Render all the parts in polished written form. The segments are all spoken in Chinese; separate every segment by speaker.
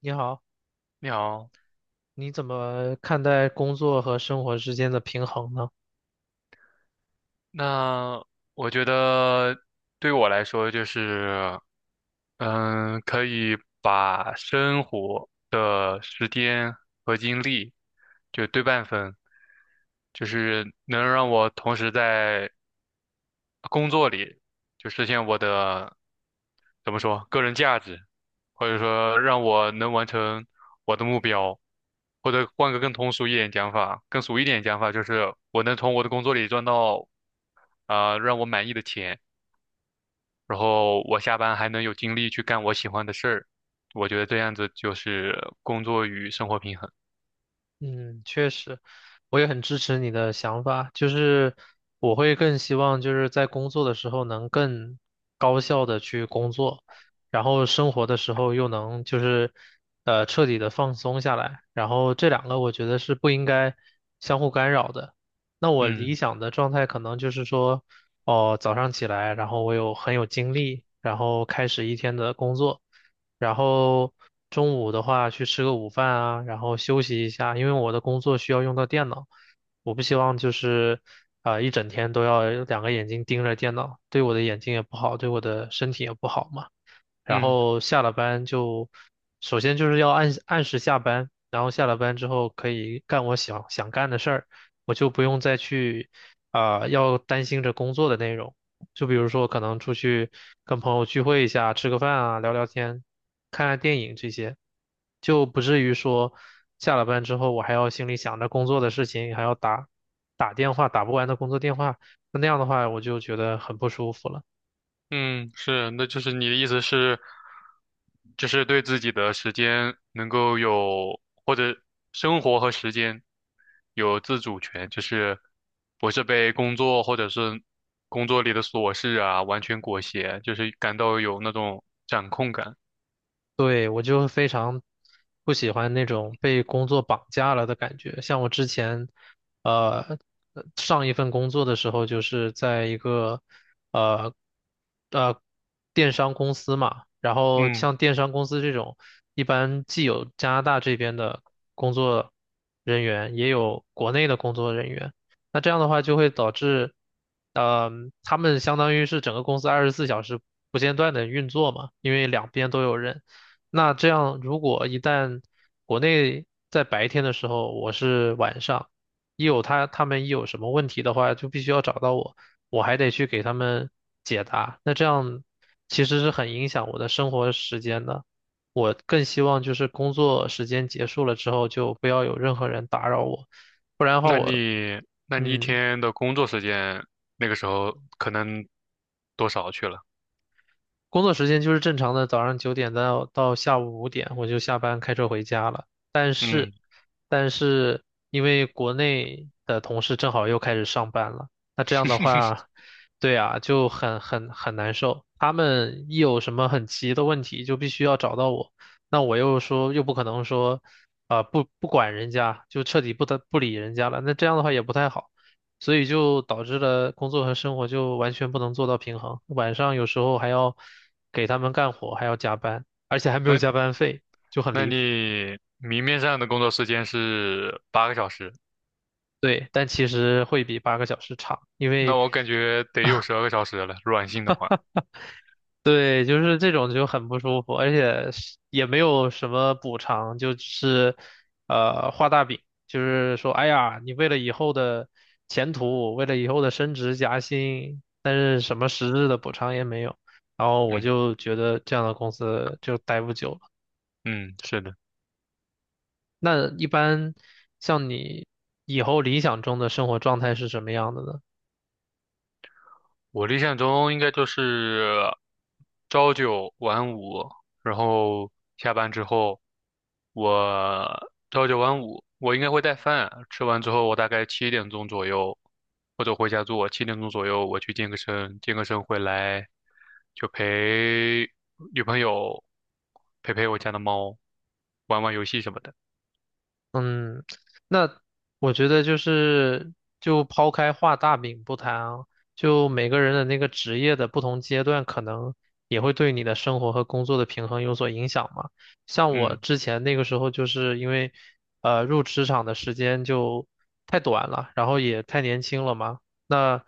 Speaker 1: 你好，
Speaker 2: 你好，
Speaker 1: 你怎么看待工作和生活之间的平衡呢？
Speaker 2: 那我觉得对我来说就是，可以把生活的时间和精力就对半分，就是能让我同时在工作里就实现我的，怎么说，个人价值，或者说让我能完成我的目标，或者换个更通俗一点讲法，更俗一点讲法就是我能从我的工作里赚到让我满意的钱，然后我下班还能有精力去干我喜欢的事儿，我觉得这样子就是工作与生活平衡。
Speaker 1: 嗯，确实，我也很支持你的想法，就是我会更希望就是在工作的时候能更高效的去工作，然后生活的时候又能就是彻底的放松下来，然后这两个我觉得是不应该相互干扰的。那我理
Speaker 2: 嗯
Speaker 1: 想的状态可能就是说，哦，早上起来，然后我很有精力，然后开始一天的工作。然后中午的话去吃个午饭啊，然后休息一下，因为我的工作需要用到电脑，我不希望就是一整天都要两个眼睛盯着电脑，对我的眼睛也不好，对我的身体也不好嘛。然
Speaker 2: 嗯。
Speaker 1: 后下了班就，首先就是要按时下班，然后下了班之后可以干我想干的事儿，我就不用再去要担心着工作的内容。就比如说可能出去跟朋友聚会一下，吃个饭啊，聊聊天，看看电影这些，就不至于说下了班之后我还要心里想着工作的事情，还要打电话打不完的工作电话，那样的话我就觉得很不舒服了。
Speaker 2: 嗯，是，那就是你的意思是，就是对自己的时间能够有，或者生活和时间有自主权，就是不是被工作或者是工作里的琐事啊完全裹挟，就是感到有那种掌控感。
Speaker 1: 对，我就非常不喜欢那种被工作绑架了的感觉。像我之前，呃，上一份工作的时候，就是在一个呃呃电商公司嘛。然后
Speaker 2: 嗯，
Speaker 1: 像电商公司这种，一般既有加拿大这边的工作人员，也有国内的工作人员。那这样的话，就会导致，呃，他们相当于是整个公司24小时不间断的运作嘛，因为两边都有人。那这样，如果一旦国内在白天的时候，我是晚上，他们一有什么问题的话，就必须要找到我，我还得去给他们解答。那这样其实是很影响我的生活时间的。我更希望就是工作时间结束了之后，就不要有任何人打扰我，不然的话
Speaker 2: 那
Speaker 1: 我，
Speaker 2: 你那你一
Speaker 1: 嗯，
Speaker 2: 天的工作时间那个时候可能多少去了？
Speaker 1: 工作时间就是正常的早上九点到下午5点，我就下班开车回家了。
Speaker 2: 嗯，
Speaker 1: 但是因为国内的同事正好又开始上班了，那这样的话，对啊，就很难受。他们一有什么很急的问题，就必须要找到我，那我又说又不可能说，不管人家，就彻底不得不理人家了，那这样的话也不太好，所以就导致了工作和生活就完全不能做到平衡，晚上有时候还要给他们干活，还要加班，而且还没有
Speaker 2: 那
Speaker 1: 加班费，就很
Speaker 2: 那
Speaker 1: 离谱。
Speaker 2: 你明面上的工作时间是8个小时。
Speaker 1: 对，但其实会比8个小时长，因
Speaker 2: 那
Speaker 1: 为。
Speaker 2: 我感觉得有12个小时了，软性的话，
Speaker 1: 对，就是这种就很不舒服，而且是也没有什么补偿，就是画大饼，就是说，哎呀，你为了以后的前途，为了以后的升职加薪，但是什么实质的补偿也没有，然后我
Speaker 2: 嗯
Speaker 1: 就觉得这样的公司就待不久了。
Speaker 2: 嗯，是的，
Speaker 1: 那一般像你以后理想中的生活状态是什么样的呢？
Speaker 2: 我理想中应该就是朝九晚五，然后下班之后，我朝九晚五，我应该会带饭，吃完之后我大概七点钟左右，或者回家做，七点钟左右我去健个身，健个身回来就陪女朋友陪陪我家的猫，玩玩游戏什么的，
Speaker 1: 嗯，那我觉得就是，就抛开画大饼不谈啊，就每个人的那个职业的不同阶段，可能也会对你的生活和工作的平衡有所影响嘛。像我
Speaker 2: 嗯
Speaker 1: 之前那个时候，就是因为，入职场的时间就太短了，然后也太年轻了嘛，那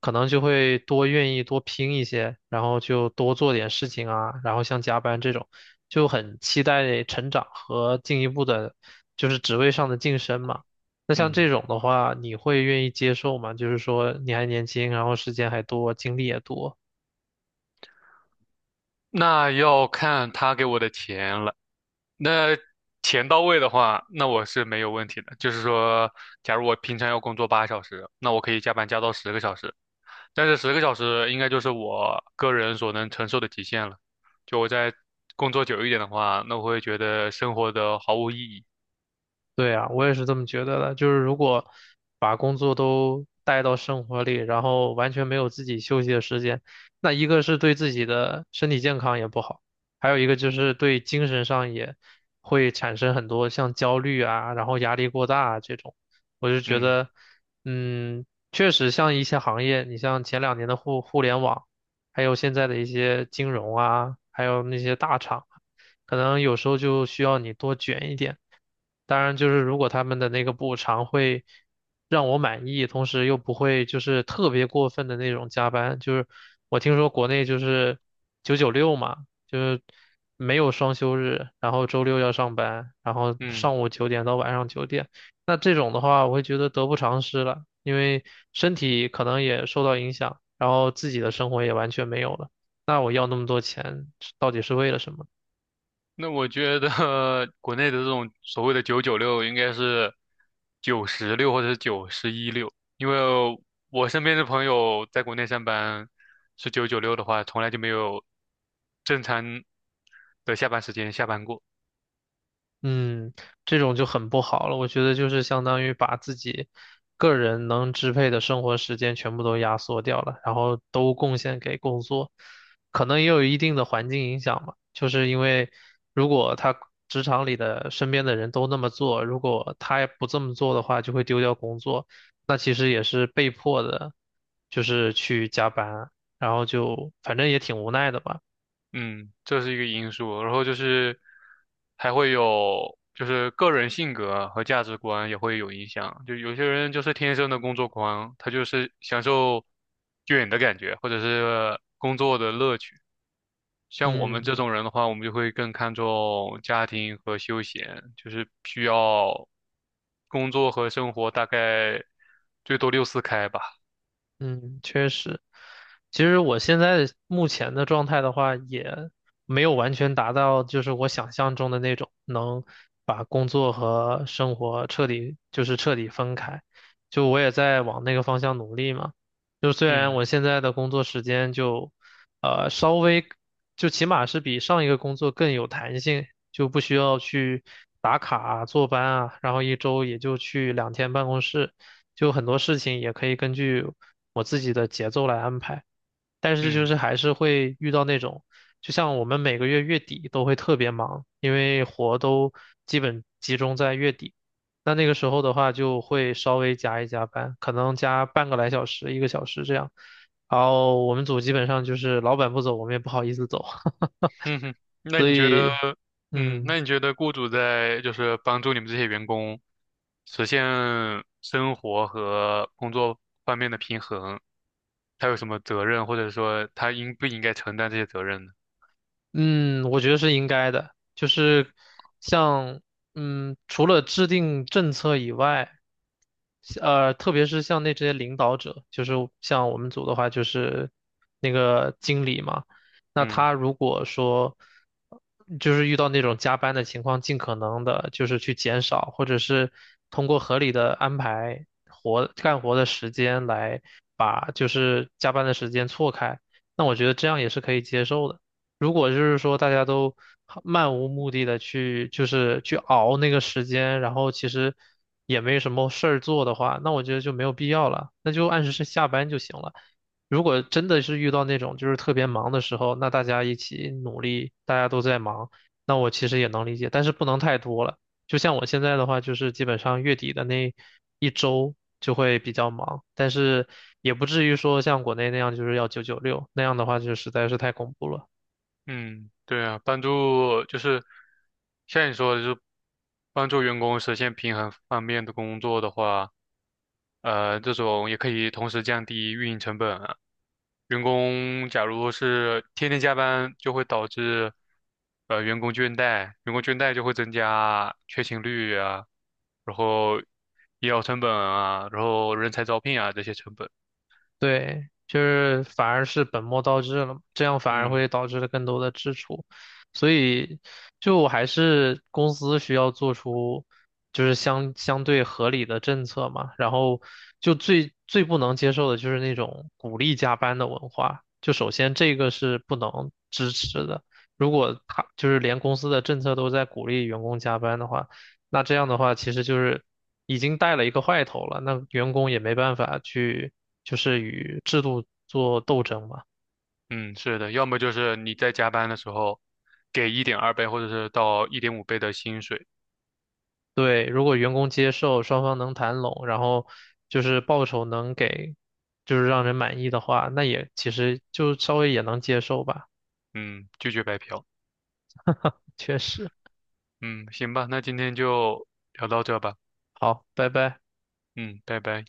Speaker 1: 可能就会多愿意多拼一些，然后就多做点事情啊，然后像加班这种，就很期待成长和进一步的，就是职位上的晋升嘛。那像
Speaker 2: 嗯。
Speaker 1: 这种的话，你会愿意接受吗？就是说你还年轻，然后时间还多，精力也多。
Speaker 2: 那要看他给我的钱了。那钱到位的话，那我是没有问题的。就是说，假如我平常要工作8小时，那我可以加班加到十个小时，但是十个小时应该就是我个人所能承受的极限了。就我在工作久一点的话，那我会觉得生活的毫无意义。
Speaker 1: 对啊，我也是这么觉得的。就是如果把工作都带到生活里，然后完全没有自己休息的时间，那一个是对自己的身体健康也不好，还有一个就是对精神上也会产生很多像焦虑啊，然后压力过大啊这种。我就觉
Speaker 2: 嗯
Speaker 1: 得，嗯，确实像一些行业，你像前2年的互联网，还有现在的一些金融啊，还有那些大厂啊，可能有时候就需要你多卷一点。当然，就是如果他们的那个补偿会让我满意，同时又不会就是特别过分的那种加班，就是我听说国内就是九九六嘛，就是没有双休日，然后周六要上班，然后
Speaker 2: 嗯。
Speaker 1: 上午九点到晚上九点，那这种的话，我会觉得得不偿失了，因为身体可能也受到影响，然后自己的生活也完全没有了，那我要那么多钱到底是为了什么呢？
Speaker 2: 那我觉得 国内的这种所谓的九九六应该是九十六或者是九十一六，因为我身边的朋友在国内上班是九九六的话，从来就没有正常的下班时间下班过。
Speaker 1: 嗯，这种就很不好了。我觉得就是相当于把自己个人能支配的生活时间全部都压缩掉了，然后都贡献给工作，可能也有一定的环境影响吧。就是因为如果他职场里的身边的人都那么做，如果他不这么做的话，就会丢掉工作，那其实也是被迫的，就是去加班，然后就反正也挺无奈的吧。
Speaker 2: 嗯，这是一个因素。然后就是还会有就是个人性格和价值观也会有影响。就有些人就是天生的工作狂，他就是享受卷的感觉，或者是工作的乐趣。像我们这
Speaker 1: 嗯。
Speaker 2: 种人的话，我们就会更看重家庭和休闲，就是需要工作和生活大概最多六四开吧。
Speaker 1: 嗯，确实，其实我现在目前的状态的话，也没有完全达到就是我想象中的那种能把工作和生活彻底分开，就我也在往那个方向努力嘛。就虽然
Speaker 2: 嗯
Speaker 1: 我现在的工作时间就，稍微，就起码是比上一个工作更有弹性，就不需要去打卡啊、坐班啊，然后一周也就去2天办公室，就很多事情也可以根据我自己的节奏来安排。但是就
Speaker 2: 嗯
Speaker 1: 是还是会遇到那种，就像我们每个月月底都会特别忙，因为活都基本集中在月底。那那个时候的话，就会稍微加一加班，可能加半个来小时、1个小时这样。然后我们组基本上就是老板不走，我们也不好意思走。
Speaker 2: 嗯哼，那
Speaker 1: 所
Speaker 2: 你觉得，
Speaker 1: 以，
Speaker 2: 嗯，
Speaker 1: 嗯，
Speaker 2: 那你觉得雇主在就是帮助你们这些员工实现生活和工作方面的平衡，他有什么责任，或者说他应不应该承担这些责任呢？
Speaker 1: 嗯，我觉得是应该的，就是像除了制定政策以外，特别是像那这些领导者，就是像我们组的话，就是那个经理嘛，那
Speaker 2: 嗯。
Speaker 1: 他如果说就是遇到那种加班的情况，尽可能的就是去减少，或者是通过合理的安排干活的时间来把就是加班的时间错开，那我觉得这样也是可以接受的。如果就是说大家都漫无目的的去，就是去熬那个时间，然后其实也没什么事儿做的话，那我觉得就没有必要了，那就按时下班就行了。如果真的是遇到那种就是特别忙的时候，那大家一起努力，大家都在忙，那我其实也能理解，但是不能太多了。就像我现在的话，就是基本上月底的那一周就会比较忙，但是也不至于说像国内那样就是要九九六，那样的话就实在是太恐怖了。
Speaker 2: 嗯，对啊，帮助就是像你说的，就是帮助员工实现平衡方面的工作的话，这种也可以同时降低运营成本啊。员工假如是天天加班，就会导致员工倦怠，员工倦怠就会增加缺勤率啊，然后医疗成本啊，然后人才招聘啊这些成本。
Speaker 1: 对，就是反而是本末倒置了嘛，这样反而
Speaker 2: 嗯。
Speaker 1: 会导致了更多的支出，所以就还是公司需要做出就是相对合理的政策嘛，然后就最不能接受的就是那种鼓励加班的文化，就首先这个是不能支持的，如果他就是连公司的政策都在鼓励员工加班的话，那这样的话其实就是已经带了一个坏头了，那员工也没办法去。就是与制度做斗争嘛。
Speaker 2: 嗯，是的，要么就是你在加班的时候给1.2倍或者是到1.5倍的薪水，
Speaker 1: 对，如果员工接受，双方能谈拢，然后就是报酬能给，就是让人满意的话，那也其实就稍微也能接受吧。
Speaker 2: 嗯，拒绝白嫖。
Speaker 1: 确实，
Speaker 2: 嗯，行吧，那今天就聊到这吧，
Speaker 1: 好，拜拜。
Speaker 2: 嗯，拜拜。